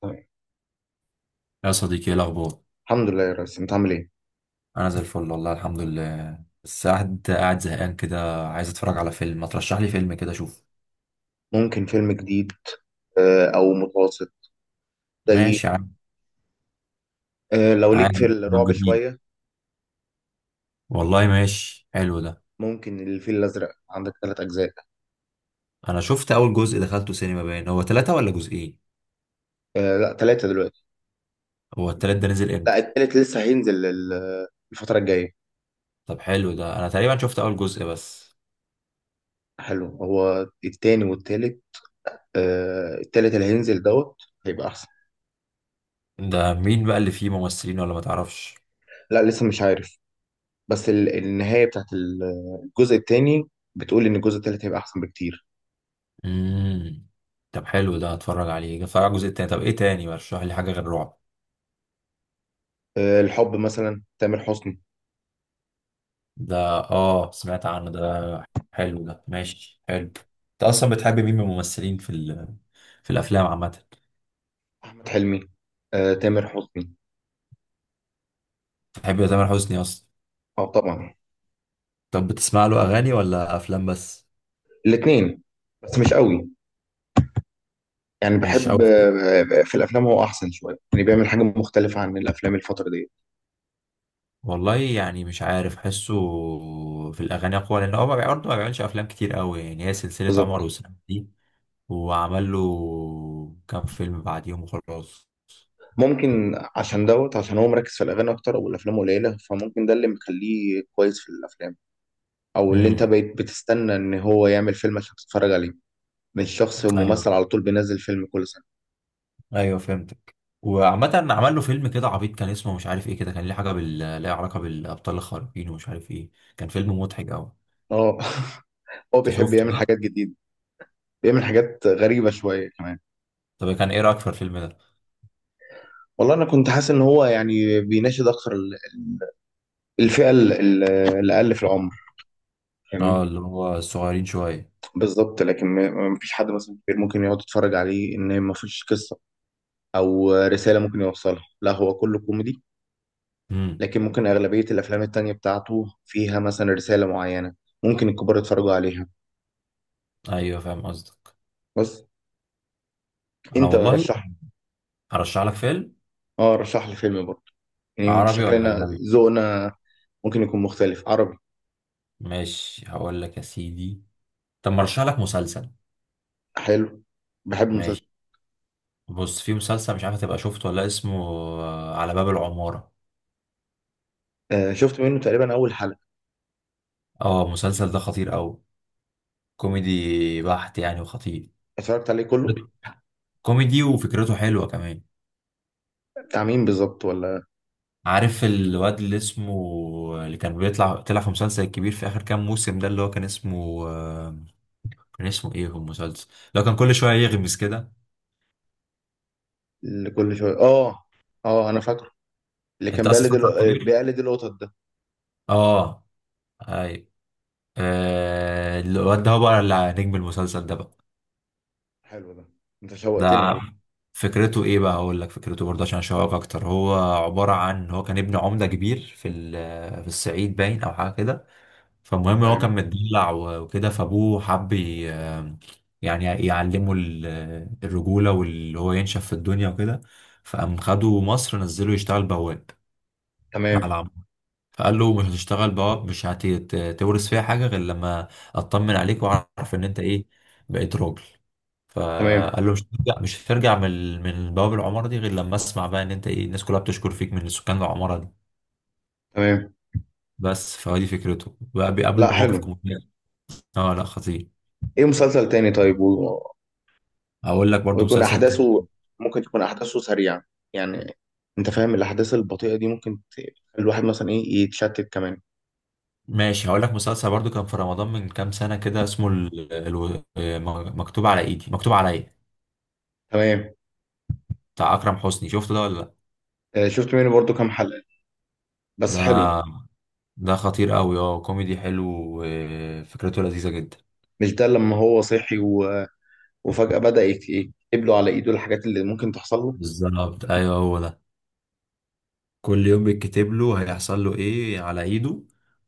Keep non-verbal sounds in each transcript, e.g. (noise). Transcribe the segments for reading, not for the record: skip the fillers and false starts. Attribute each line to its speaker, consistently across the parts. Speaker 1: طيب.
Speaker 2: يا صديقي، ايه الاخبار؟
Speaker 1: الحمد لله يا ريس، انت عامل ايه؟
Speaker 2: انا زي الفل والله الحمد لله. بس قاعد زهقان كده، عايز اتفرج على فيلم. ما ترشح لي فيلم كده اشوف؟
Speaker 1: ممكن فيلم جديد. او متوسط. زي.
Speaker 2: ماشي يا عم.
Speaker 1: لو ليك في
Speaker 2: عادي لو
Speaker 1: الرعب
Speaker 2: جديد.
Speaker 1: شويه.
Speaker 2: والله ماشي، حلو ده.
Speaker 1: ممكن الفيل الازرق، عندك ثلاث اجزاء.
Speaker 2: انا شفت اول جزء، دخلته سينما. باين هو ثلاثة ولا جزئين؟
Speaker 1: لا، ثلاثه دلوقتي.
Speaker 2: هو التلات ده نزل
Speaker 1: لا،
Speaker 2: امتى؟
Speaker 1: الثالث لسه هينزل الفتره الجايه.
Speaker 2: طب حلو ده، انا تقريبا شفت اول جزء بس.
Speaker 1: حلو، هو التاني والتالت. التالت اللي هينزل هيبقى احسن.
Speaker 2: ده مين بقى اللي فيه ممثلين ولا ما تعرفش؟
Speaker 1: لا، لسه مش عارف. بس النهايه بتاعت الجزء التاني بتقول ان الجزء التالت هيبقى احسن بكتير.
Speaker 2: امم طب حلو ده، هتفرج عليه، هتفرج على الجزء التاني. طب ايه تاني؟ رشح لي حاجه غير رعب.
Speaker 1: الحب مثلا، تامر حسني.
Speaker 2: ده اه سمعت عنه، ده حلو ده، ماشي حلو. انت اصلا بتحب مين من الممثلين في في الافلام عامه؟
Speaker 1: احمد حلمي، تامر حسني.
Speaker 2: بتحب تامر حسني اصلا؟
Speaker 1: اه طبعا.
Speaker 2: طب بتسمع له اغاني ولا افلام بس؟
Speaker 1: الاثنين، بس مش قوي. يعني
Speaker 2: مش
Speaker 1: بحب،
Speaker 2: قوي.
Speaker 1: في الافلام هو احسن شويه، يعني بيعمل حاجه مختلفه عن الافلام الفتره دي.
Speaker 2: والله يعني مش عارف، حسه في الاغاني اقوى، لان هو برضه ما بيعملش افلام كتير قوي. يعني هي سلسله عمر
Speaker 1: بالظبط.
Speaker 2: وسلمى دي، وعمل له كام فيلم بعديهم وخلاص.
Speaker 1: ممكن عشان عشان هو مركز في الاغاني اكتر او الافلام قليله، فممكن ده اللي مخليه كويس في الافلام، او اللي انت بقيت بتستنى ان هو يعمل فيلم عشان تتفرج عليه. مش شخص
Speaker 2: ايوه.
Speaker 1: ممثل على طول بينزل فيلم كل سنه.
Speaker 2: ايوه فهمتك. وعامة عمل له فيلم كده عبيط، كان اسمه مش عارف ايه كده، كان ليه حاجة بال ليه علاقة بالأبطال الخارقين ومش عارف ايه. كان فيلم مضحك أوي.
Speaker 1: اه. (laughs) هو بيحب يعمل حاجات جديده، بيعمل حاجات غريبه شويه كمان.
Speaker 2: طب كان ايه رأيك في الفيلم ده؟
Speaker 1: والله انا كنت حاسس ان هو يعني بيناشد اكتر الفئه الاقل في العمر.
Speaker 2: اه
Speaker 1: فاهمني؟
Speaker 2: اللي هو الصغيرين شوية.
Speaker 1: بالظبط. لكن ما فيش حد مثلا كبير ممكن يقعد يتفرج عليه، ان ما فيش قصه او رساله ممكن يوصلها، لا هو كله كوميدي.
Speaker 2: امم
Speaker 1: لكن ممكن اغلبيه الافلام التانية بتاعته فيها مثلا رساله معينه ممكن الكبار يتفرجوا عليها.
Speaker 2: ايوه فاهم قصدك.
Speaker 1: بس
Speaker 2: انا
Speaker 1: انت
Speaker 2: والله
Speaker 1: رشح.
Speaker 2: هرشح لك فيلم.
Speaker 1: اه، رشح لي فيلم برضه. يعني
Speaker 2: عربي ولا
Speaker 1: شكلنا،
Speaker 2: أجنبي؟
Speaker 1: ذوقنا ممكن يكون مختلف. عربي.
Speaker 2: ماشي هقول لك يا سيدي. طب ما ارشح لك مسلسل.
Speaker 1: حلو، بحب مسلسل.
Speaker 2: بص، في مسلسل مش عارف هتبقى شفته ولا لأ، اسمه على باب العمارة.
Speaker 1: آه، شفت منه تقريبا اول حلقه.
Speaker 2: اه المسلسل ده خطير أوي، كوميدي بحت يعني وخطير،
Speaker 1: اتفرجت عليه كله.
Speaker 2: كوميدي وفكرته حلوة كمان.
Speaker 1: بتاع مين بالظبط، ولا؟
Speaker 2: عارف الواد اللي اسمه اللي كان بيطلع، طلع في مسلسل الكبير في اخر كام موسم ده، اللي هو كان اسمه كان اسمه ايه في المسلسل اللي هو كان كل شويه يغمس كده؟
Speaker 1: اللي كل شويه اه، اه انا فاكره. اللي كان بيقلد القطط ده.
Speaker 2: اه اي الواد ده هو بقى اللي نجم المسلسل ده بقى.
Speaker 1: حلو ده، انت
Speaker 2: ده
Speaker 1: شوقتني والله.
Speaker 2: ع- فكرته ايه بقى؟ اقول لك فكرته برضه عشان اشوقك اكتر. هو عباره عن هو كان ابن عمده كبير في في الصعيد باين او حاجه كده. فالمهم هو كان
Speaker 1: تمام.
Speaker 2: متدلع وكده، فابوه حب يعني يعلمه الرجولة، واللي هو ينشف في الدنيا وكده. فقام خده مصر، نزله يشتغل بواب على
Speaker 1: تمام.
Speaker 2: عم. فقال له مش هتشتغل بواب، مش هتورث فيها حاجة غير لما اطمن عليك واعرف ان انت ايه، بقيت راجل.
Speaker 1: تمام.
Speaker 2: فقال له مش هترجع من من بواب العمارة دي غير لما اسمع بقى ان انت ايه، الناس كلها بتشكر فيك من سكان العمارة دي.
Speaker 1: تمام.
Speaker 2: بس. فهو دي فكرته بقى، بيقابله
Speaker 1: لا،
Speaker 2: مواقف
Speaker 1: حلو.
Speaker 2: مهمة. اه لا خطير.
Speaker 1: ايه مسلسل تاني طيب و...
Speaker 2: هقول لك برضو.
Speaker 1: ويكون احداثه ممكن تكون احداثه سريعة. يعني انت فاهم الاحداث البطيئة دي ممكن تخلي الواحد مثلا ايه يتشتت كمان.
Speaker 2: ماشي هقول لك مسلسل برضو كان في رمضان من كام سنة كده، اسمه مكتوب على ايدي، مكتوب عليا.
Speaker 1: تمام.
Speaker 2: بتاع أكرم حسني، شفته ده ولا لا؟
Speaker 1: شفت منه برضو كام حلقة، بس حلو.
Speaker 2: ده ده خطير قوي، اه كوميدي حلو، وفكرته لذيذة جدا.
Speaker 1: مش ده لما هو صحي و... وفجأة بدأ ايه يكتب له على ايده الحاجات اللي ممكن تحصل له.
Speaker 2: بالظبط ايوه هو ده. كل يوم بيتكتب له هيحصل له ايه على ايده،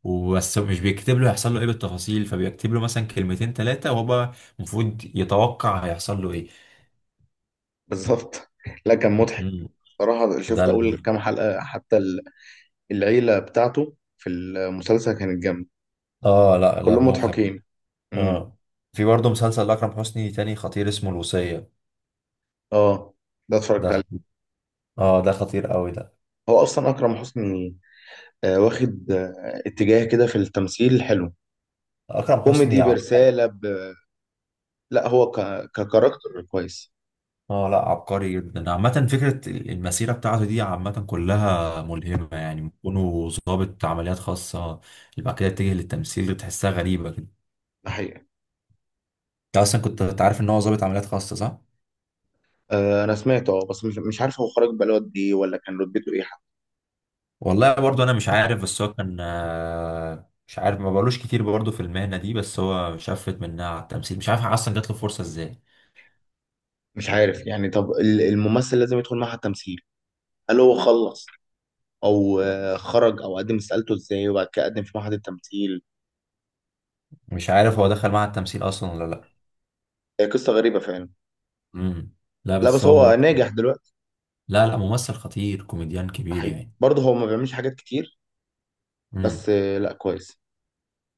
Speaker 2: وبس مش بيكتب له هيحصل له ايه بالتفاصيل، فبيكتب له مثلا كلمتين ثلاثة وهو المفروض يتوقع هيحصل له ايه.
Speaker 1: بالظبط. (laughs) لا، كان مضحك
Speaker 2: مم.
Speaker 1: صراحة.
Speaker 2: ده
Speaker 1: شفت أول
Speaker 2: ال-
Speaker 1: كام حلقة حتى، العيلة بتاعته في المسلسل كانت جامدة،
Speaker 2: اه لا لا
Speaker 1: كلهم مضحكين. امم.
Speaker 2: اه في برضه مسلسل لأكرم حسني تاني خطير اسمه الوصية.
Speaker 1: اه، ده اتفرجت عليه.
Speaker 2: اه ده خطير قوي ده.
Speaker 1: هو اصلا اكرم حسني، واخد اتجاه كده في التمثيل حلو،
Speaker 2: اكرم حسني
Speaker 1: كوميدي لا هو ككاركتر كويس.
Speaker 2: اه لا عبقري جدا عامه. فكره المسيره بتاعته دي عامه كلها ملهمه، يعني كونه ضابط عمليات خاصه اللي بعد كده اتجه للتمثيل، تحسها غريبه كده.
Speaker 1: ده حقيقة.
Speaker 2: انت اصلا كنت عارف ان هو ضابط عمليات خاصه صح؟
Speaker 1: آه، انا سمعته بس مش عارف هو خرج بقاله قد ايه، ولا كان رتبته ايه حتى.
Speaker 2: والله برضه انا مش عارف، بس هو كان مش عارف، ما بقالوش كتير برضه في المهنه دي، بس هو شفت منها على التمثيل، مش عارف اصلا جات له فرصه ازاي.
Speaker 1: مش عارف يعني. طب الممثل لازم يدخل معهد تمثيل؟ هل هو خلص، او خرج، او قدم استقالته ازاي وبعد كده قدم في معهد التمثيل؟
Speaker 2: مش عارف هو دخل معهد التمثيل اصلا ولا لا.
Speaker 1: هي قصة غريبة فعلا.
Speaker 2: امم لا
Speaker 1: لا
Speaker 2: بس
Speaker 1: بس
Speaker 2: هو
Speaker 1: هو
Speaker 2: مم...
Speaker 1: ناجح دلوقتي.
Speaker 2: لا لا ممثل خطير، كوميديان كبير
Speaker 1: حقيقي
Speaker 2: يعني.
Speaker 1: برضه هو ما بيعملش حاجات كتير، بس
Speaker 2: مم.
Speaker 1: لا كويس.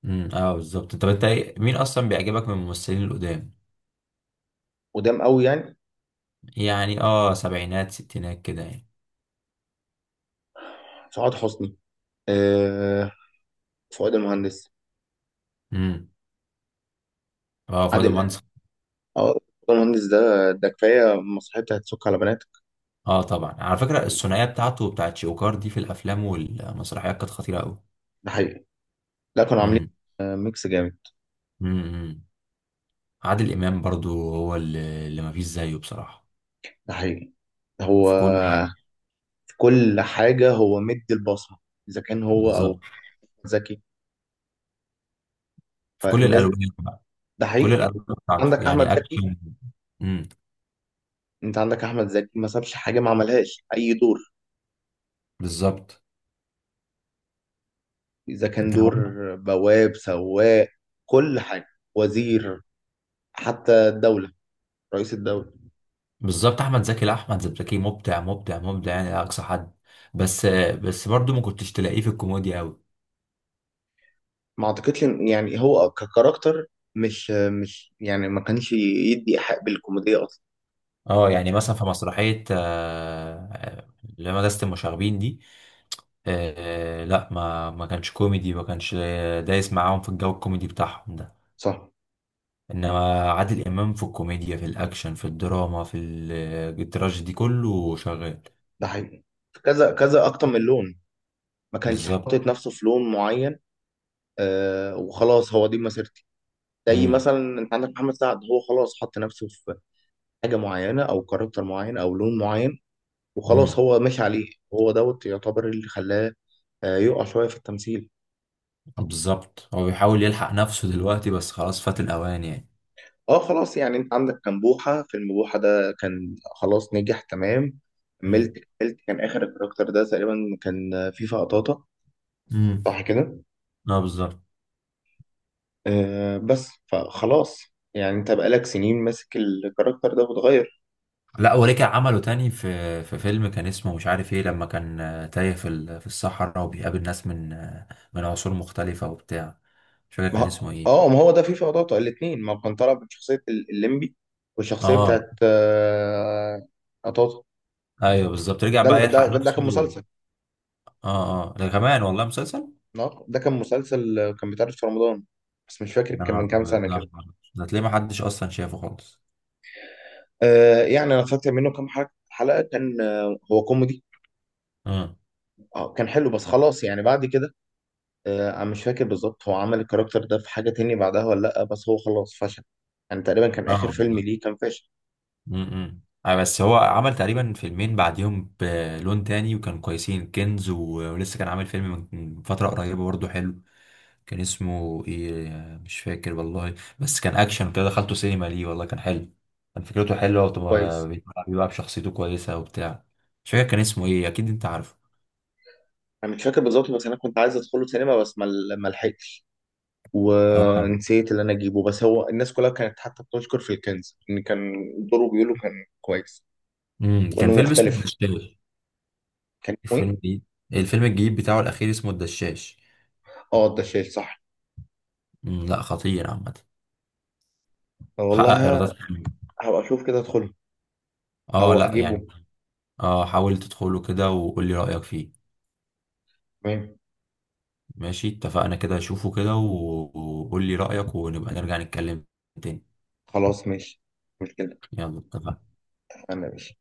Speaker 2: اه بالظبط. طب انت مين اصلا بيعجبك من الممثلين القدام؟
Speaker 1: قدام قوي يعني؟
Speaker 2: يعني اه سبعينات ستينات كده يعني.
Speaker 1: سعاد حسني، آه، فؤاد المهندس،
Speaker 2: امم اه فؤاد
Speaker 1: عادل إمام.
Speaker 2: منصف.
Speaker 1: اه، فؤاد المهندس ده، ده كفايه المسرحيه بتاعت سك على بناتك.
Speaker 2: اه طبعا، على فكره الثنائيه بتاعته وبتاعت شوكار دي في الافلام والمسرحيات كانت خطيره قوي.
Speaker 1: ده حقيقي. لا، كانوا عاملين ميكس جامد.
Speaker 2: امم عادل امام برضو هو اللي ما فيش زيه بصراحه.
Speaker 1: ده حقيقي. هو
Speaker 2: في كل
Speaker 1: في كل حاجه هو مدي البصمه، اذا كان هو او زكي.
Speaker 2: في كل
Speaker 1: فالناس،
Speaker 2: الالوان بقى.
Speaker 1: ده
Speaker 2: كل
Speaker 1: حقيقي.
Speaker 2: الالوان بتاعته
Speaker 1: عندك احمد
Speaker 2: يعني
Speaker 1: زكي.
Speaker 2: اكشن. امم
Speaker 1: انت عندك احمد زكي ما سابش حاجه ما عملهاش، اي دور،
Speaker 2: بالظبط.
Speaker 1: إذا كان
Speaker 2: انت
Speaker 1: دور بواب، سواق، كل حاجة، وزير، حتى الدولة، رئيس الدولة.
Speaker 2: بالظبط. احمد زكي، لا احمد زكي مبدع مبدع مبدع يعني، لا اقصى حد. بس بس برضو ما كنتش تلاقيه في الكوميديا قوي.
Speaker 1: ما أعتقدش يعني هو ككاركتر مش يعني ما كانش يدي إيحاء بالكوميديا أصلا.
Speaker 2: اه يعني مثلا في مسرحية اللي هي مدرسة المشاغبين دي، لا ما كانش كوميدي، ما كانش دايس معاهم في الجو الكوميدي بتاعهم ده.
Speaker 1: صح.
Speaker 2: انما عادل امام في الكوميديا، في الاكشن، في الدراما، في التراجيدي، كله شغال.
Speaker 1: ده حقيقي. كذا كذا أكتر من لون، ما كانش
Speaker 2: بالظبط.
Speaker 1: حاطط نفسه في لون معين. وخلاص، هو دي مسيرتي. زي
Speaker 2: مم.
Speaker 1: مثلا انت عندك محمد سعد، هو خلاص حط نفسه في حاجه معينه او كاركتر معين او لون معين، وخلاص
Speaker 2: مم.
Speaker 1: هو ماشي عليه. هو يعتبر اللي خلاه يقع شوية في التمثيل.
Speaker 2: بالظبط هو بيحاول يلحق نفسه دلوقتي، بس خلاص فات الاوان يعني.
Speaker 1: اه، خلاص يعني. انت عندك كان بوحة، فيلم بوحة ده كان خلاص نجح تمام. كملت.
Speaker 2: مم.
Speaker 1: كملت كان اخر الكاركتر ده تقريبا، كان فيفا قطاطة.
Speaker 2: مم.
Speaker 1: صح كده؟
Speaker 2: اه بالظبط.
Speaker 1: آه، بس فخلاص، يعني انت بقالك سنين ماسك الكاركتر ده وتغير.
Speaker 2: لا ورجع عمله تاني في في فيلم كان اسمه مش عارف ايه، لما كان تايه في في الصحراء، وبيقابل ناس من من عصور مختلفة وبتاع. مش فاكر كان اسمه ايه.
Speaker 1: ما هو ده فيفا قطاطة الاتنين، ما هو كان طالع من شخصية الليمبي والشخصية
Speaker 2: اه
Speaker 1: بتاعت قطاطة.
Speaker 2: ايوه بالظبط. رجع
Speaker 1: ده
Speaker 2: بقى
Speaker 1: ده
Speaker 2: يلحق
Speaker 1: ده كان
Speaker 2: نفسه.
Speaker 1: مسلسل.
Speaker 2: اه اه ده كمان والله مسلسل.
Speaker 1: ده كان مسلسل، كان بيتعرض في رمضان، بس مش فاكر
Speaker 2: يا
Speaker 1: كان من
Speaker 2: نهار
Speaker 1: كام
Speaker 2: أبيض.
Speaker 1: سنة كده.
Speaker 2: ده تلاقيه ما حدش اصلا شافه خالص.
Speaker 1: يعني أنا فاكر منه كام حلقة، كان هو كوميدي.
Speaker 2: امم
Speaker 1: كان حلو، بس خلاص يعني بعد كده. أنا مش فاكر بالظبط هو عمل الكاركتر ده في حاجة تاني بعدها ولا لأ، بس هو خلاص فشل، يعني تقريبا كان
Speaker 2: اه.
Speaker 1: آخر فيلم ليه كان فاشل.
Speaker 2: امم بس هو عمل تقريبا فيلمين بعديهم بلون تاني وكانوا كويسين، كنز و... ولسه كان عامل فيلم من فترة قريبة برضه حلو. كان اسمه ايه؟ مش فاكر والله. بس كان اكشن كده، دخلته سينما ليه والله كان حلو، كان فكرته حلوة، وطبعا
Speaker 1: كويس.
Speaker 2: بيتمتع بيه بقى بشخصيته كويسة وبتاع. مش فاكر كان اسمه ايه، اكيد انت عارفه.
Speaker 1: أنا مش فاكر بالظبط، بس أنا كنت عايز أدخله سينما، بس ما لحقتش، ونسيت اللي أنا أجيبه. بس هو الناس كلها كانت حتى بتشكر في الكنز، إن كان دوره بيقولوا كان كويس، وإنه
Speaker 2: كان فيلم اسمه
Speaker 1: مختلف.
Speaker 2: الدشاش.
Speaker 1: كان اسمه
Speaker 2: الفيلم
Speaker 1: إيه؟
Speaker 2: الجديد، الفيلم الجديد بتاعه الاخير اسمه الدشاش.
Speaker 1: اه، الدشاش صح.
Speaker 2: لا خطير عامة،
Speaker 1: طب
Speaker 2: حقق
Speaker 1: والله
Speaker 2: ايرادات حلوة.
Speaker 1: هبقى اشوف كده ادخله،
Speaker 2: اه
Speaker 1: او
Speaker 2: لا
Speaker 1: اجيبه.
Speaker 2: يعني. اه حاول تدخله كده وقول لي رأيك فيه.
Speaker 1: تمام.
Speaker 2: ماشي اتفقنا كده، اشوفه كده وقول لي رأيك ونبقى نرجع نتكلم تاني.
Speaker 1: خلاص ماشي. مش كده؟
Speaker 2: يلا اتفقنا.
Speaker 1: انا ماشي.